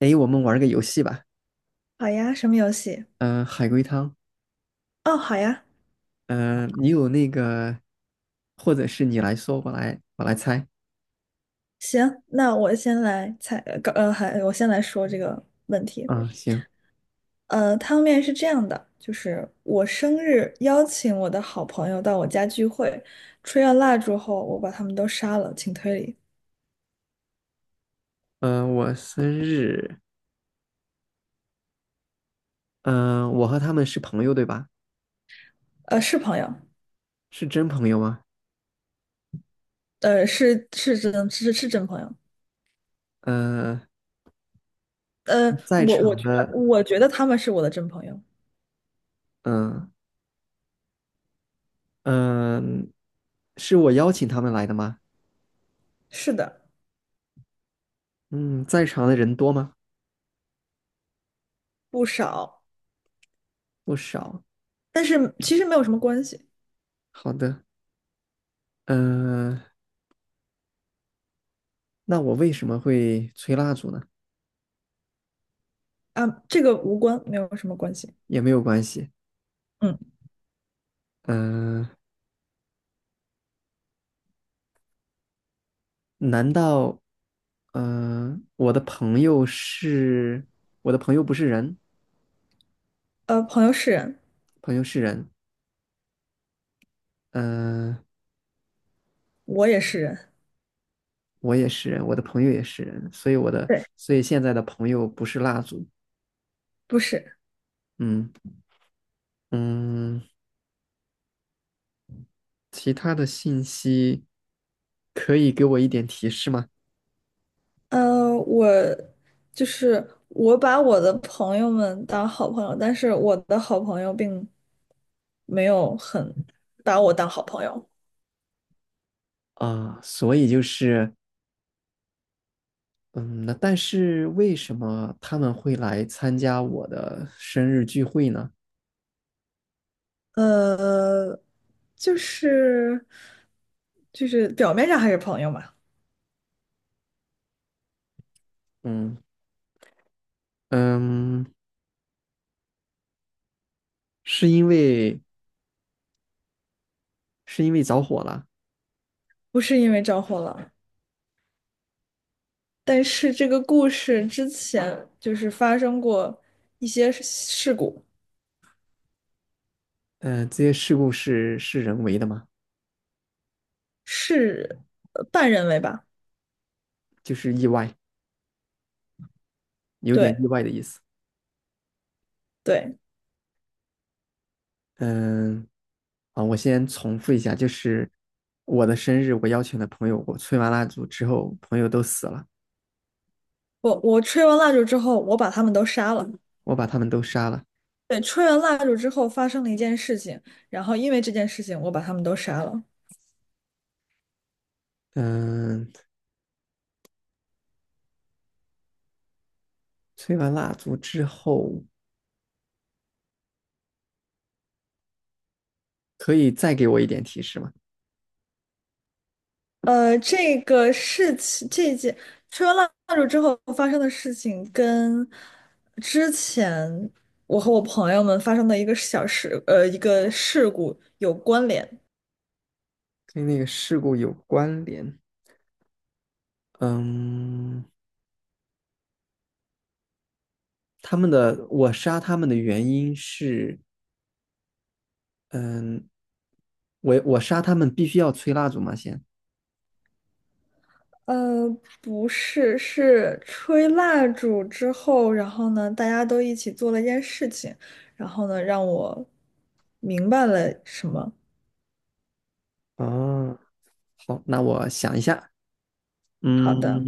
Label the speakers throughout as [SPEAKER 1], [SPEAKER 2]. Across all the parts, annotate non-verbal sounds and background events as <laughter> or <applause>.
[SPEAKER 1] 哎，我们玩个游戏吧。
[SPEAKER 2] 好呀，什么游戏？
[SPEAKER 1] 嗯、海龟汤。
[SPEAKER 2] 哦，好呀，
[SPEAKER 1] 嗯、你有那个，或者是你来说，我来猜。
[SPEAKER 2] 行，那我先来猜，还我先来说这个问题。
[SPEAKER 1] 嗯，行。
[SPEAKER 2] 汤面是这样的，就是我生日邀请我的好朋友到我家聚会，吹完蜡烛后，我把他们都杀了，请推理。
[SPEAKER 1] 嗯、我生日。嗯、我和他们是朋友，对吧？
[SPEAKER 2] 是朋友。
[SPEAKER 1] 是真朋友吗？
[SPEAKER 2] 是是真是是真朋友。
[SPEAKER 1] 嗯、
[SPEAKER 2] 呃，
[SPEAKER 1] 在
[SPEAKER 2] 我我
[SPEAKER 1] 场
[SPEAKER 2] 觉
[SPEAKER 1] 的，
[SPEAKER 2] 得我觉得他们是我的真朋友。
[SPEAKER 1] 嗯、嗯、是我邀请他们来的吗？
[SPEAKER 2] 是的，
[SPEAKER 1] 嗯，在场的人多吗？
[SPEAKER 2] 不少，
[SPEAKER 1] 不少。
[SPEAKER 2] 但是其实没有什么关系。
[SPEAKER 1] 好的。嗯、那我为什么会吹蜡烛呢？
[SPEAKER 2] 啊，这个无关，没有什么关系。
[SPEAKER 1] 也没有关系。
[SPEAKER 2] 嗯。
[SPEAKER 1] 嗯、难道，嗯、我的朋友是我的朋友不是人，
[SPEAKER 2] 朋友是人。
[SPEAKER 1] 朋友是人。嗯、
[SPEAKER 2] 我也是人，
[SPEAKER 1] 我也是人，我的朋友也是人，所以我的，
[SPEAKER 2] 对，
[SPEAKER 1] 所以现在的朋友不是蜡烛。
[SPEAKER 2] 不是，
[SPEAKER 1] 嗯嗯，其他的信息可以给我一点提示吗？
[SPEAKER 2] 呃，我就是我把我的朋友们当好朋友，但是我的好朋友并没有很把我当好朋友。
[SPEAKER 1] 啊，所以就是，嗯，那但是为什么他们会来参加我的生日聚会呢？
[SPEAKER 2] 呃，就是就是表面上还是朋友嘛。
[SPEAKER 1] 嗯嗯，是因为是因为着火了。
[SPEAKER 2] 不是因为着火了，但是这个故事之前就是发生过一些事故，
[SPEAKER 1] 嗯，这些事故是人为的吗？
[SPEAKER 2] 是半人为吧？
[SPEAKER 1] 就是意外，有点
[SPEAKER 2] 对
[SPEAKER 1] 意外的意思。
[SPEAKER 2] 对。
[SPEAKER 1] 嗯，啊，我先重复一下，就是我的生日，我邀请的朋友，我吹完蜡烛之后，朋友都死了，
[SPEAKER 2] 我吹完蜡烛之后，我把他们都杀了。
[SPEAKER 1] 我把他们都杀了。
[SPEAKER 2] 对，吹完蜡烛之后发生了一件事情，然后因为这件事情，我把他们都杀了。
[SPEAKER 1] 嗯，吹完蜡烛之后，可以再给我一点提示吗？
[SPEAKER 2] 这个事情，这件吹完蜡烛之后发生的事情，跟之前我和我朋友们发生的一个小事，一个事故有关联。
[SPEAKER 1] 跟那个事故有关联。嗯，他们的，我杀他们的原因是，嗯，我杀他们必须要吹蜡烛吗？先。
[SPEAKER 2] 呃，不是，是吹蜡烛之后，然后呢，大家都一起做了一件事情，然后呢，让我明白了什么。
[SPEAKER 1] 哦，好，那我想一下。
[SPEAKER 2] 好
[SPEAKER 1] 嗯，
[SPEAKER 2] 的，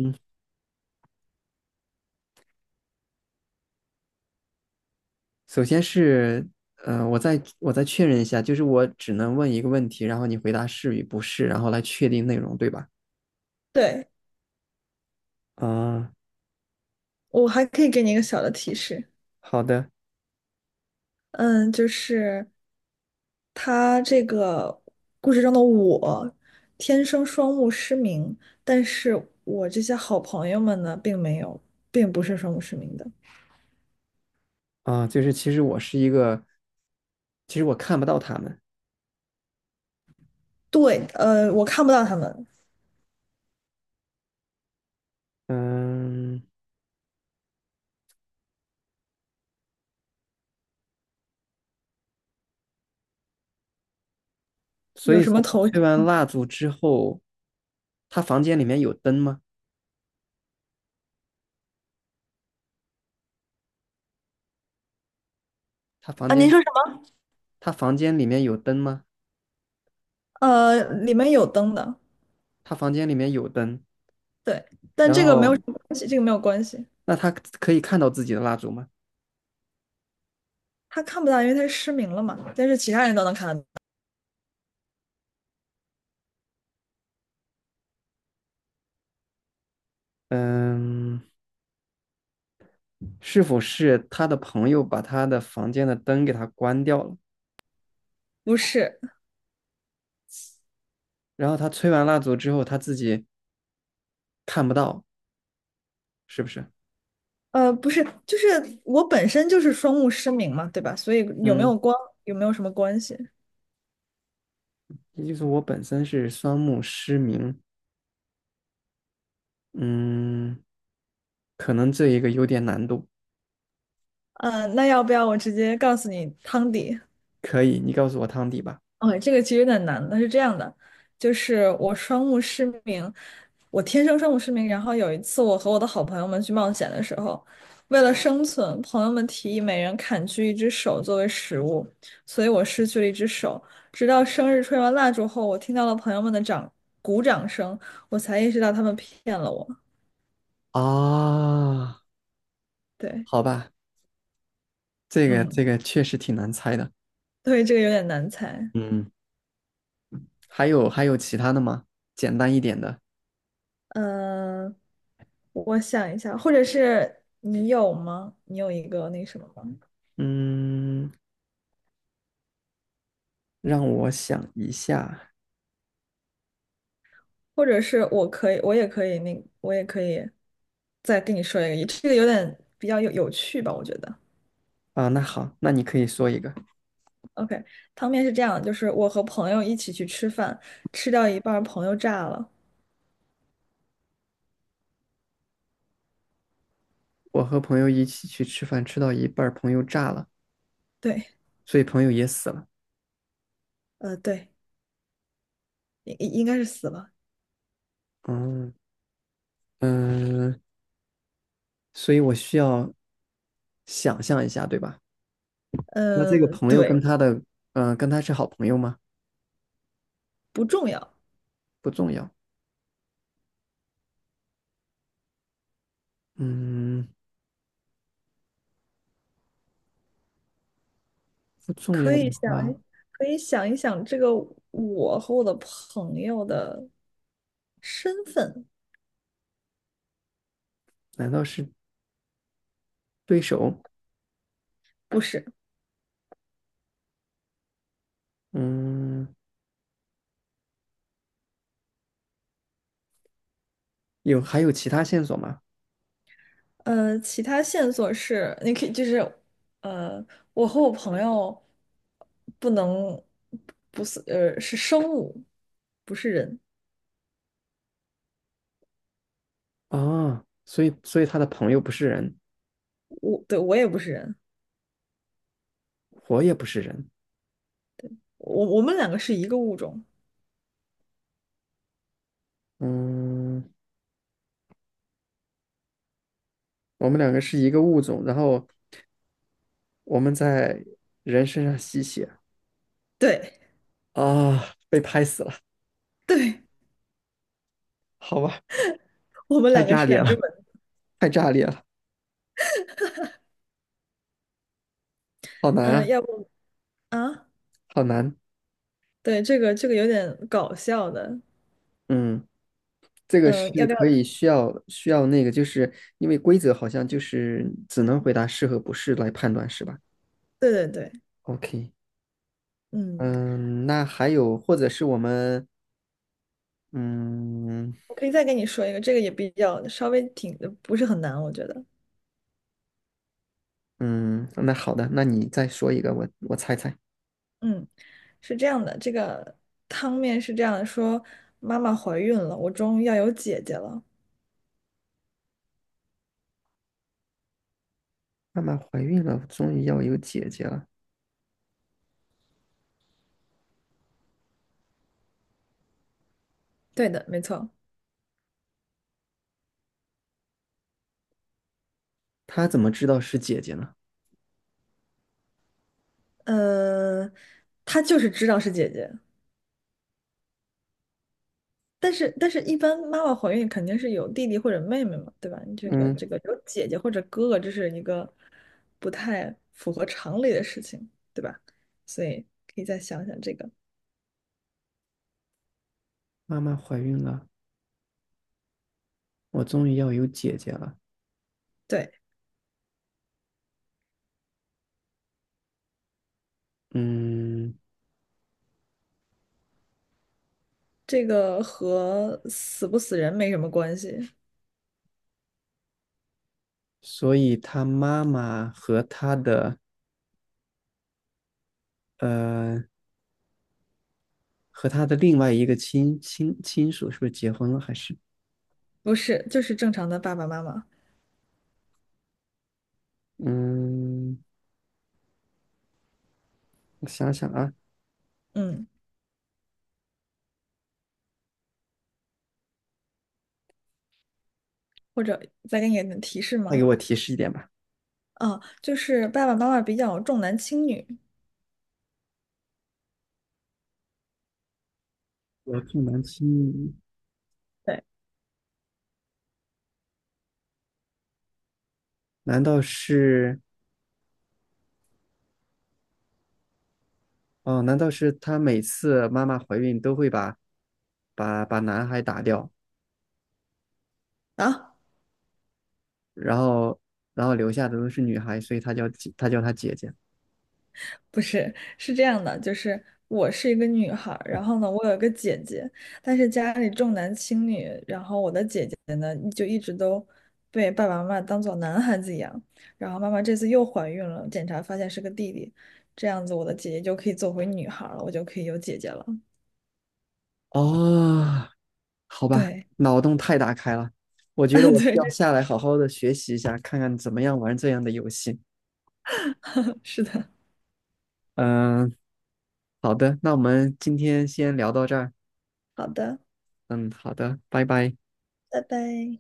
[SPEAKER 1] 首先是，嗯，我再确认一下，就是我只能问一个问题，然后你回答是与不是，然后来确定内容，对吧？
[SPEAKER 2] 对，
[SPEAKER 1] 啊，
[SPEAKER 2] 我还可以给你一个小的提示，
[SPEAKER 1] 好的。
[SPEAKER 2] 嗯，就是他这个故事中的我，天生双目失明，但是我这些好朋友们呢，并没有，并不是双目失明的。
[SPEAKER 1] 啊，就是其实我是一个，其实我看不到他们。
[SPEAKER 2] 对，我看不到他们
[SPEAKER 1] 嗯，所
[SPEAKER 2] 有
[SPEAKER 1] 以
[SPEAKER 2] 什
[SPEAKER 1] 说
[SPEAKER 2] 么
[SPEAKER 1] 他
[SPEAKER 2] 头绪
[SPEAKER 1] 吹完蜡烛之后，他房间里面有灯吗？他房
[SPEAKER 2] 啊？您
[SPEAKER 1] 间
[SPEAKER 2] 说。
[SPEAKER 1] 他房间里面有灯吗？
[SPEAKER 2] 里面有灯的。
[SPEAKER 1] 他房间里面有灯。
[SPEAKER 2] 对，但
[SPEAKER 1] 然
[SPEAKER 2] 这个没有什
[SPEAKER 1] 后
[SPEAKER 2] 么关系，这个没有关系。
[SPEAKER 1] 那他可以看到自己的蜡烛吗？
[SPEAKER 2] 他看不到，因为他失明了嘛，但是其他人都能看得到。
[SPEAKER 1] 嗯。是否是他的朋友把他的房间的灯给他关掉了，
[SPEAKER 2] 不是，
[SPEAKER 1] 然后他吹完蜡烛之后他自己看不到，是不是？
[SPEAKER 2] 不是，就是我本身就是双目失明嘛，对吧？所以有没有
[SPEAKER 1] 嗯，
[SPEAKER 2] 光，有没有什么关系？
[SPEAKER 1] 也就是我本身是双目失明。嗯，可能这一个有点难度。
[SPEAKER 2] 那要不要我直接告诉你汤底？
[SPEAKER 1] 可以，你告诉我汤底吧。
[SPEAKER 2] 哦，这个其实有点难的，是这样的，就是我双目失明，我天生双目失明。然后有一次，我和我的好朋友们去冒险的时候，为了生存，朋友们提议每人砍去一只手作为食物，所以我失去了一只手。直到生日吹完蜡烛后，我听到了朋友们的鼓掌声，我才意识到他们骗了我。
[SPEAKER 1] 啊，
[SPEAKER 2] 对，
[SPEAKER 1] 好吧，这个这
[SPEAKER 2] 嗯，
[SPEAKER 1] 个确实挺难猜的。
[SPEAKER 2] 对，这个有点难猜。
[SPEAKER 1] 嗯，还有其他的吗？简单一点的。
[SPEAKER 2] 嗯，我想一下，或者是你有吗？你有一个那什么吗？
[SPEAKER 1] 嗯，让我想一下
[SPEAKER 2] 或者是我可以，我也可以，那我也可以再跟你说一个，这个有点比较有趣吧，我觉得。
[SPEAKER 1] 啊。那好，那你可以说一个。
[SPEAKER 2] OK，汤面是这样，就是我和朋友一起去吃饭，吃掉一半儿朋友炸了。
[SPEAKER 1] 我和朋友一起去吃饭，吃到一半儿，朋友炸了，
[SPEAKER 2] 对，
[SPEAKER 1] 所以朋友也死了。
[SPEAKER 2] 对，应该是死了。
[SPEAKER 1] 嗯嗯、呃所以我需要想象一下，对吧？那
[SPEAKER 2] 呃，
[SPEAKER 1] 这个朋友
[SPEAKER 2] 对，
[SPEAKER 1] 跟他的，嗯，跟他是好朋友吗？
[SPEAKER 2] 不重要，
[SPEAKER 1] 不重要。嗯，不重
[SPEAKER 2] 可
[SPEAKER 1] 要的
[SPEAKER 2] 以想
[SPEAKER 1] 话，
[SPEAKER 2] 一，可以想一想这个我和我的朋友的身份。
[SPEAKER 1] 难道是对手？
[SPEAKER 2] 不是。
[SPEAKER 1] 嗯，有还有其他线索吗？
[SPEAKER 2] 其他线索是，你可以就是，呃，我和我朋友不能不是是生物，不是人。
[SPEAKER 1] 啊，所以他的朋友不是人，
[SPEAKER 2] 我，对，我也不是人，
[SPEAKER 1] 我也不是人。
[SPEAKER 2] 我们两个是一个物种。
[SPEAKER 1] 嗯，我们两个是一个物种，然后我们在人身上吸血。
[SPEAKER 2] 对
[SPEAKER 1] 啊，被拍死了，
[SPEAKER 2] <laughs> 对，
[SPEAKER 1] 好吧，
[SPEAKER 2] 我们
[SPEAKER 1] 太
[SPEAKER 2] 两个
[SPEAKER 1] 炸
[SPEAKER 2] 是
[SPEAKER 1] 裂
[SPEAKER 2] 两只
[SPEAKER 1] 了，
[SPEAKER 2] 本。
[SPEAKER 1] 太炸裂了，好难
[SPEAKER 2] 嗯，
[SPEAKER 1] 啊，
[SPEAKER 2] 要不啊？
[SPEAKER 1] 好难。
[SPEAKER 2] 对，这个有点搞笑的。
[SPEAKER 1] 嗯，这个
[SPEAKER 2] 嗯，要
[SPEAKER 1] 是
[SPEAKER 2] 不要？
[SPEAKER 1] 可以需要那个，就是因为规则好像就是只能回答是和不是来判断，是吧
[SPEAKER 2] 对对对，
[SPEAKER 1] ？OK，
[SPEAKER 2] 嗯，
[SPEAKER 1] 嗯，那还有或者是我们，嗯
[SPEAKER 2] 我可以再跟你说一个，这个也比较稍微挺不是很难，我觉得。
[SPEAKER 1] 嗯，那好的，那你再说一个，我我猜猜，
[SPEAKER 2] 嗯。是这样的，这个汤面是这样的说妈妈怀孕了，我终于要有姐姐了。
[SPEAKER 1] 妈妈怀孕了，终于要有姐姐了，
[SPEAKER 2] 对的，没错。
[SPEAKER 1] 她怎么知道是姐姐呢？
[SPEAKER 2] 呃，她就是知道是姐姐，但是一般妈妈怀孕肯定是有弟弟或者妹妹嘛，对吧？你这个
[SPEAKER 1] 嗯，
[SPEAKER 2] 这个有姐姐或者哥哥，这是一个不太符合常理的事情，对吧？所以可以再想想这个。
[SPEAKER 1] 妈妈怀孕了，我终于要有姐姐了。
[SPEAKER 2] 对，
[SPEAKER 1] 嗯，
[SPEAKER 2] 这个和死不死人没什么关系，
[SPEAKER 1] 所以他妈妈和他的呃和他的另外一个亲属是不是结婚了？还是
[SPEAKER 2] 不是，就是正常的爸爸妈妈。
[SPEAKER 1] 嗯，我想想啊，
[SPEAKER 2] 嗯。或者再给你点提示
[SPEAKER 1] 再
[SPEAKER 2] 吗？
[SPEAKER 1] 给我提示一点吧。
[SPEAKER 2] 啊，就是爸爸妈妈比较重男轻女。
[SPEAKER 1] 我重男轻女，
[SPEAKER 2] 对
[SPEAKER 1] 难道是哦？难道是他每次妈妈怀孕都会把把男孩打掉，
[SPEAKER 2] 啊，
[SPEAKER 1] 然后然后留下的都是女孩，所以他叫姐她叫他姐姐
[SPEAKER 2] 不是，是这样的，就是我是一个女孩儿，然后呢，我有一个姐姐，但是家里重男轻女，然后我的姐姐呢，就一直都被爸爸妈妈当做男孩子养，然后妈妈这次又怀孕了，检查发现是个弟弟，这样子我的姐姐就可以做回女孩儿了，我就可以有姐姐了。
[SPEAKER 1] 哦。好吧，
[SPEAKER 2] 对，
[SPEAKER 1] 脑洞太大开了，我觉得
[SPEAKER 2] <laughs>
[SPEAKER 1] 我
[SPEAKER 2] 对，
[SPEAKER 1] 需要
[SPEAKER 2] 这
[SPEAKER 1] 下来好好的学习一下，看看怎么样玩这样的游戏。
[SPEAKER 2] <laughs> 是的，
[SPEAKER 1] 嗯，好的，那我们今天先聊到这儿。
[SPEAKER 2] 好的，
[SPEAKER 1] 嗯，好的，拜拜。
[SPEAKER 2] 拜拜。